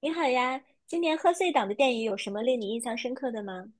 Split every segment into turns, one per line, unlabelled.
你好呀，今年贺岁档的电影有什么令你印象深刻的吗？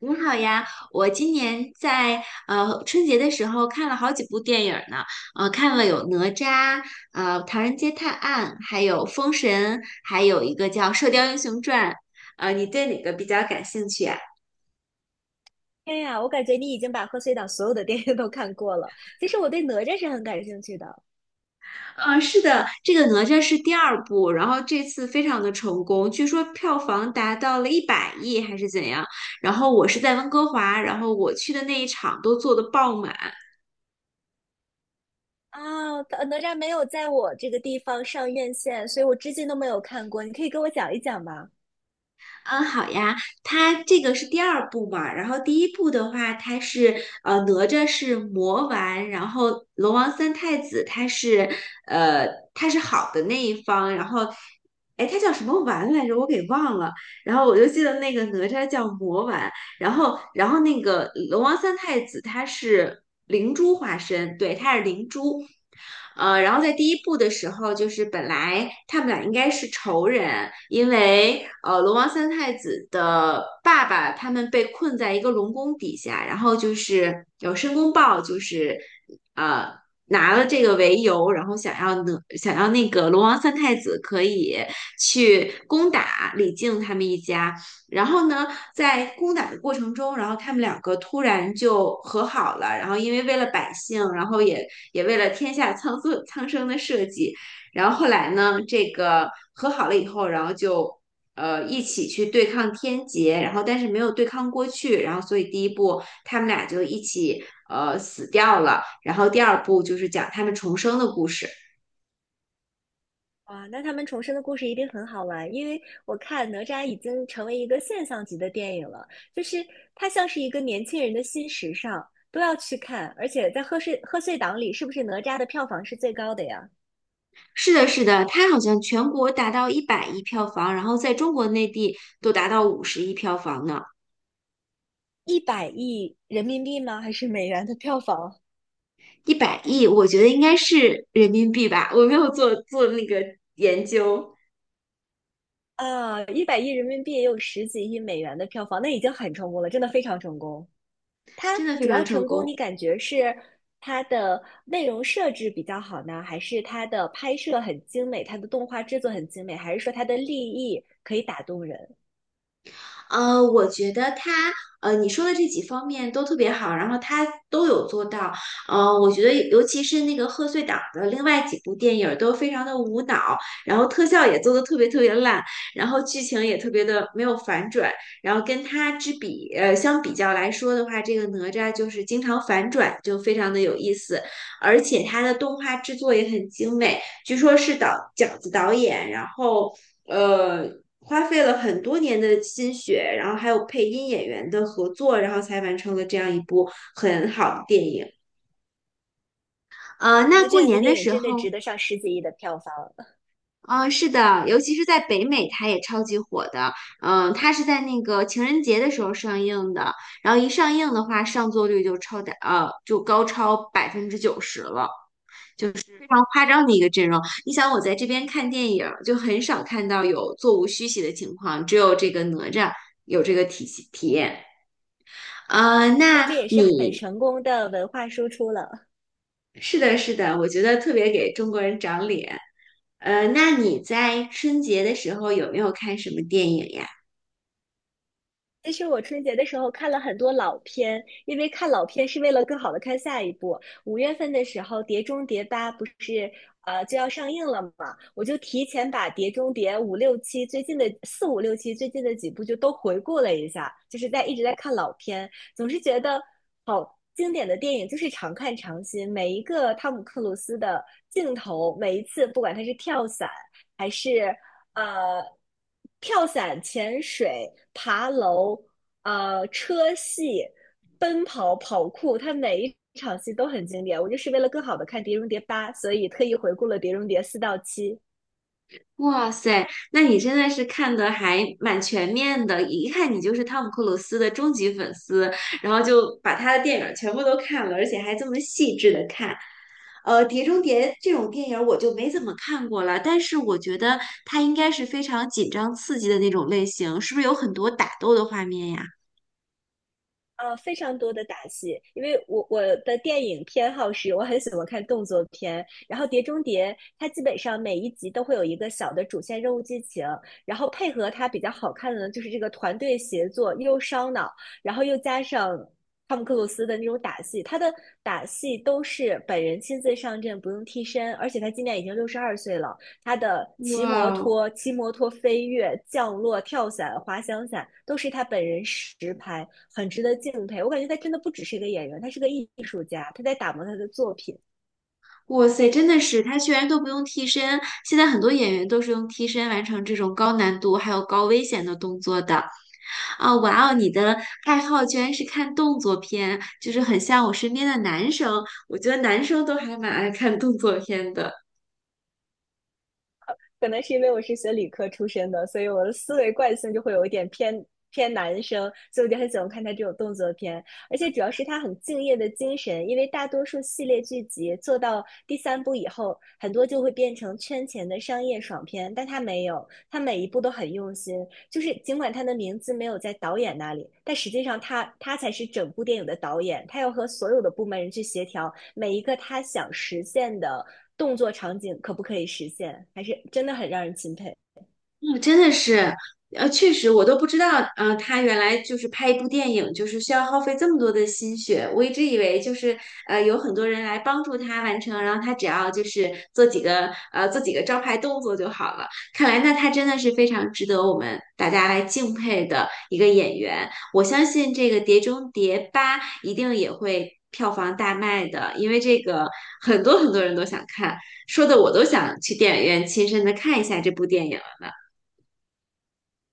你好呀，我今年在春节的时候看了好几部电影儿呢，看了有哪吒，唐人街探案，还有封神，还有一个叫《射雕英雄传》。你对哪个比较感兴趣啊？
天呀，我感觉你已经把贺岁档所有的电影都看过了。其实我对哪吒是很感兴趣的
是的，这个哪吒是第二部，然后这次非常的成功，据说票房达到了一百亿还是怎样。然后我是在温哥华，然后我去的那一场都坐的爆满。
啊，它哪吒没有在我这个地方上院线，所以我至今都没有看过。你可以给我讲一讲吗？
嗯，好呀，它这个是第二部嘛，然后第一部的话，它是哪吒是魔丸，然后龙王三太子他是呃他是好的那一方，然后哎他叫什么丸来着，我给忘了，然后我就记得那个哪吒叫魔丸，然后那个龙王三太子他是灵珠化身，对，他是灵珠，然后在第一部的时候，就是本来他们俩应该是仇人，因为龙王三太子的爸爸他们被困在一个龙宫底下，然后就是有申公豹，就是呃拿了这个为由，然后想要那个龙王三太子可以去攻打李靖他们一家，然后呢，在攻打的过程中，然后他们两个突然就和好了。然后为了百姓，然后也为了天下苍生的社稷，然后后来呢，这个和好了以后，然后就一起去对抗天劫，然后但是没有对抗过去，然后所以第一部他们俩就一起死掉了。然后第二部就是讲他们重生的故事。
哇，那他们重生的故事一定很好玩，因为我看哪吒已经成为一个现象级的电影了，就是它像是一个年轻人的新时尚，都要去看。而且在贺岁贺岁档里，是不是哪吒的票房是最高的呀？
是的，是的，它好像全国达到一百亿票房，然后在中国内地都达到50亿票房呢。
一百亿人民币吗？还是美元的票房？
一百亿，我觉得应该是人民币吧，我没有做那个研究，
啊，一百亿人民币也有十几亿美元的票房，那已经很成功了，真的非常成功。它
真的非
主
常
要
成
成功，
功。
你感觉是它的内容设置比较好呢，还是它的拍摄很精美，它的动画制作很精美，还是说它的立意可以打动人？
我觉得你说的这几方面都特别好，然后他都有做到。我觉得尤其是那个贺岁档的另外几部电影儿都非常的无脑，然后特效也做的特别特别烂，然后剧情也特别的没有反转，然后跟他之比，呃，相比较来说的话，这个哪吒就是经常反转，就非常的有意思，而且它的动画制作也很精美。据说是饺子导演，然后呃花费了很多年的心血，然后还有配音演员的合作，然后才完成了这样一部很好的电影。
啊，
那
那这
过
样一个
年的
电影
时
真的
候。
值得上十几亿的票房，
嗯，是的，尤其是在北美，它也超级火的。嗯，它是在那个情人节的时候上映的，然后一上映的话，上座率就高超90%了。就是非常夸张的一个阵容。你想，我在这边看电影儿就很少看到有座无虚席的情况，只有这个哪吒有这个体验。呃，
那这
那
也是很
你
成功的文化输出了。
是的，是的，我觉得特别给中国人长脸。那你在春节的时候有没有看什么电影呀？
其实我春节的时候看了很多老片，因为看老片是为了更好的看下一部。五月份的时候，《碟中谍八》不是就要上映了嘛，我就提前把《碟中谍》五六七最近的四五六七最近的几部就都回顾了一下，就是在一直在看老片，总是觉得好经典的电影就是常看常新，每一个汤姆克鲁斯的镜头，每一次不管他是跳伞。还是呃跳伞、潜水、爬楼、车戏、奔跑、跑酷，它每一场戏都很经典。我就是为了更好的看《碟中谍八》，所以特意回顾了《碟中谍四》到七。
哇塞，那你真的是看的还蛮全面的，一看你就是汤姆克鲁斯的终极粉丝，然后就把他的电影儿全部都看了，而且还这么细致的看。《碟中谍》这种电影儿我就没怎么看过了，但是我觉得它应该是非常紧张刺激的那种类型，是不是有很多打斗的画面呀？
呃，非常多的打戏，因为我的电影偏好是，我很喜欢看动作片，然后《碟中谍》它基本上每一集都会有一个小的主线任务剧情，然后配合它比较好看的呢，就是这个团队协作又烧脑，然后又加上汤姆克鲁斯的那种打戏，他的打戏都是本人亲自上阵，不用替身，而且他今年已经62岁了，他的骑
哇
摩
哦！
托、骑摩托飞跃、降落、跳伞、滑翔伞，都是他本人实拍，很值得敬佩。我感觉他真的不只是一个演员，他是个艺术家，他在打磨他的作品。
哇塞，真的是，他居然都不用替身，现在很多演员都是用替身完成这种高难度还有高危险的动作的。啊，哇哦！你的爱好居然是看动作片，就是很像我身边的男生。我觉得男生都还蛮爱看动作片的。
可能是因为我是学理科出身的，所以我的思维惯性就会有一点偏男生，所以我就很喜欢看他这种动作片。而且主要是他很敬业的精神，因为大多数系列剧集做到第三部以后，很多就会变成圈钱的商业爽片，但他没有，他每一部都很用心，就是尽管他的名字没有在导演那里，但实际上他才是整部电影的导演，他要和所有的部门人去协调每一个他想实现的动作场景可不可以实现，还是真的很让人钦佩。
嗯，真的是，确实，我都不知道，他原来就是拍一部电影，就是需要耗费这么多的心血。我一直以为就是，有很多人来帮助他完成，然后他只要就是做几个招牌动作就好了。看来那他真的是非常值得我们大家来敬佩的一个演员。我相信这个《碟中谍八》一定也会票房大卖的，因为这个很多很多人都想看，说的我都想去电影院亲身的看一下这部电影。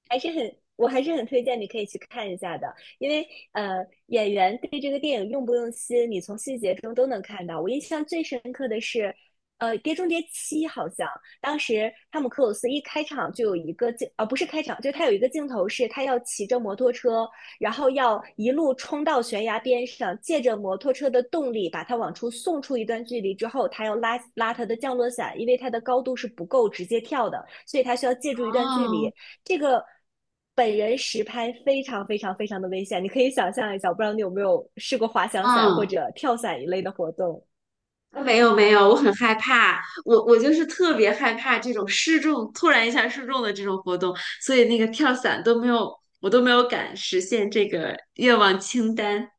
还是很，我还是很推荐你可以去看一下的，因为演员对这个电影用不用心，你从细节中都能看到。我印象最深刻的是，《碟中谍七》好像当时汤姆克鲁斯一开场就有一个镜，呃，不是开场，就是他有一个镜头是他要骑着摩托车，然后要一路冲到悬崖边上，借着摩托车的动力把它往出送出一段距离之后，他要拉他的降落伞，因为他的高度是不够直接跳的，所以他需要借助一段距离。
哦，
这个本人实拍非常非常非常的危险，你可以想象一下，我不知道你有没有试过滑翔伞或
嗯，
者跳伞一类的活动。
没有没有，我很害怕，我就是特别害怕这种失重，突然一下失重的这种活动，所以那个跳伞都没有，我都没有敢实现这个愿望清单。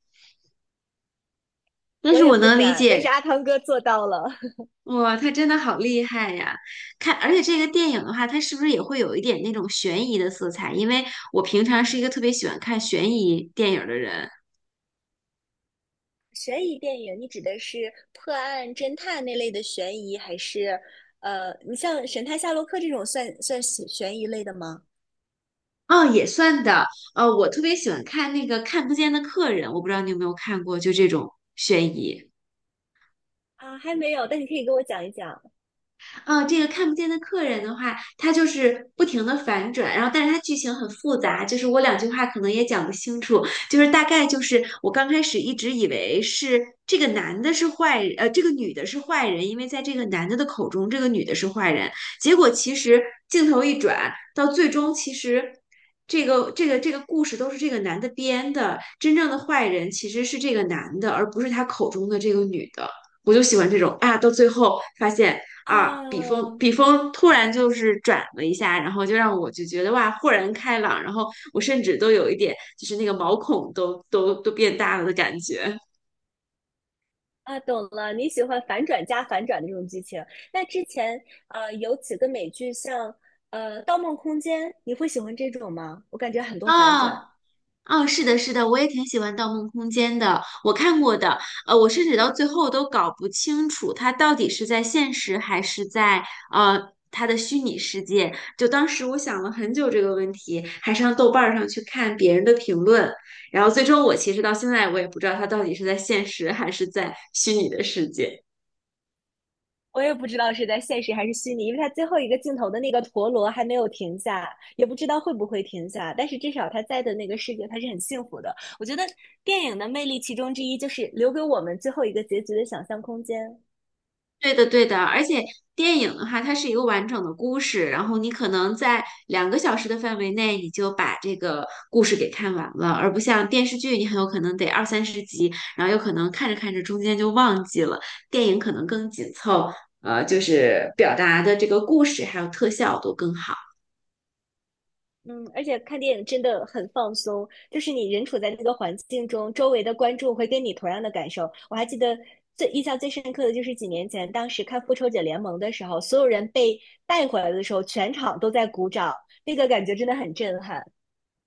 但
我
是
也
我
不
能理
敢，但
解，
是阿汤哥做到了。
哇，他真的好厉害呀！看，而且这个电影的话，它是不是也会有一点那种悬疑的色彩？因为我平常是一个特别喜欢看悬疑电影的人。
悬疑电影，你指的是破案侦探那类的悬疑，还是你像《神探夏洛克》这种算悬疑类的吗？
哦，也算的。我特别喜欢看那个《看不见的客人》，我不知道你有没有看过，就这种悬疑。
啊，还没有，但你可以给我讲一讲
啊，这个看不见的客人的话，它就是不停的反转，然后但是它剧情很复杂，就是我两句话可能也讲不清楚，就是大概就是我刚开始一直以为是这个男的是坏人，这个女的是坏人，因为在这个男的的口中，这个女的是坏人，结果其实镜头一转，到最终其实。这个故事都是这个男的编的，真正的坏人其实是这个男的，而不是他口中的这个女的。我就喜欢这种啊，到最后发现啊，笔锋
啊，
笔锋突然就是转了一下，然后就让我就觉得哇，豁然开朗，然后我甚至都有一点就是那个毛孔都变大了的感觉。
啊，懂了，你喜欢反转加反转的这种剧情。那之前有几个美剧像《盗梦空间》，你会喜欢这种吗？我感觉很多反
啊，
转，
哦，是的，是的，我也挺喜欢《盗梦空间》的，我看过的，我甚至到最后都搞不清楚它到底是在现实还是在呃它的虚拟世界。就当时我想了很久这个问题，还上豆瓣儿上去看别人的评论，然后最终我其实到现在我也不知道它到底是在现实还是在虚拟的世界。
我也不知道是在现实还是虚拟，因为它最后一个镜头的那个陀螺还没有停下，也不知道会不会停下。但是至少他在的那个世界，他是很幸福的。我觉得电影的魅力其中之一就是留给我们最后一个结局的想象空间。
对的，对的，而且电影的话，它是一个完整的故事，然后你可能在2个小时的范围内，你就把这个故事给看完了，而不像电视剧，你很有可能得二三十集，然后有可能看着看着中间就忘记了。电影可能更紧凑，就是表达的这个故事还有特效都更好。
嗯，而且看电影真的很放松，就是你人处在那个环境中，周围的观众会跟你同样的感受。我还记得最印象最深刻的就是几年前，当时看《复仇者联盟》的时候，所有人被带回来的时候，全场都在鼓掌，那个感觉真的很震撼。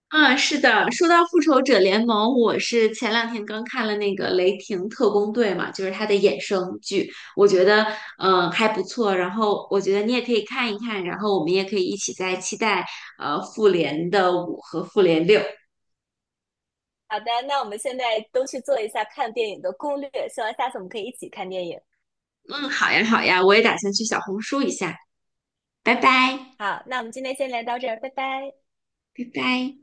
啊，是的，说到复仇者联盟，我是前两天刚看了那个《雷霆特工队》嘛，就是它的衍生剧，我觉得还不错。然后我觉得你也可以看一看，然后我们也可以一起再期待复联的五和复联六。
好的，那我们现在都去做一下看电影的攻略，希望下次我们可以一起看电影。
嗯，好呀好呀，我也打算去小红书一下，拜拜
好，那我们今天先聊到这儿，拜拜。
拜拜。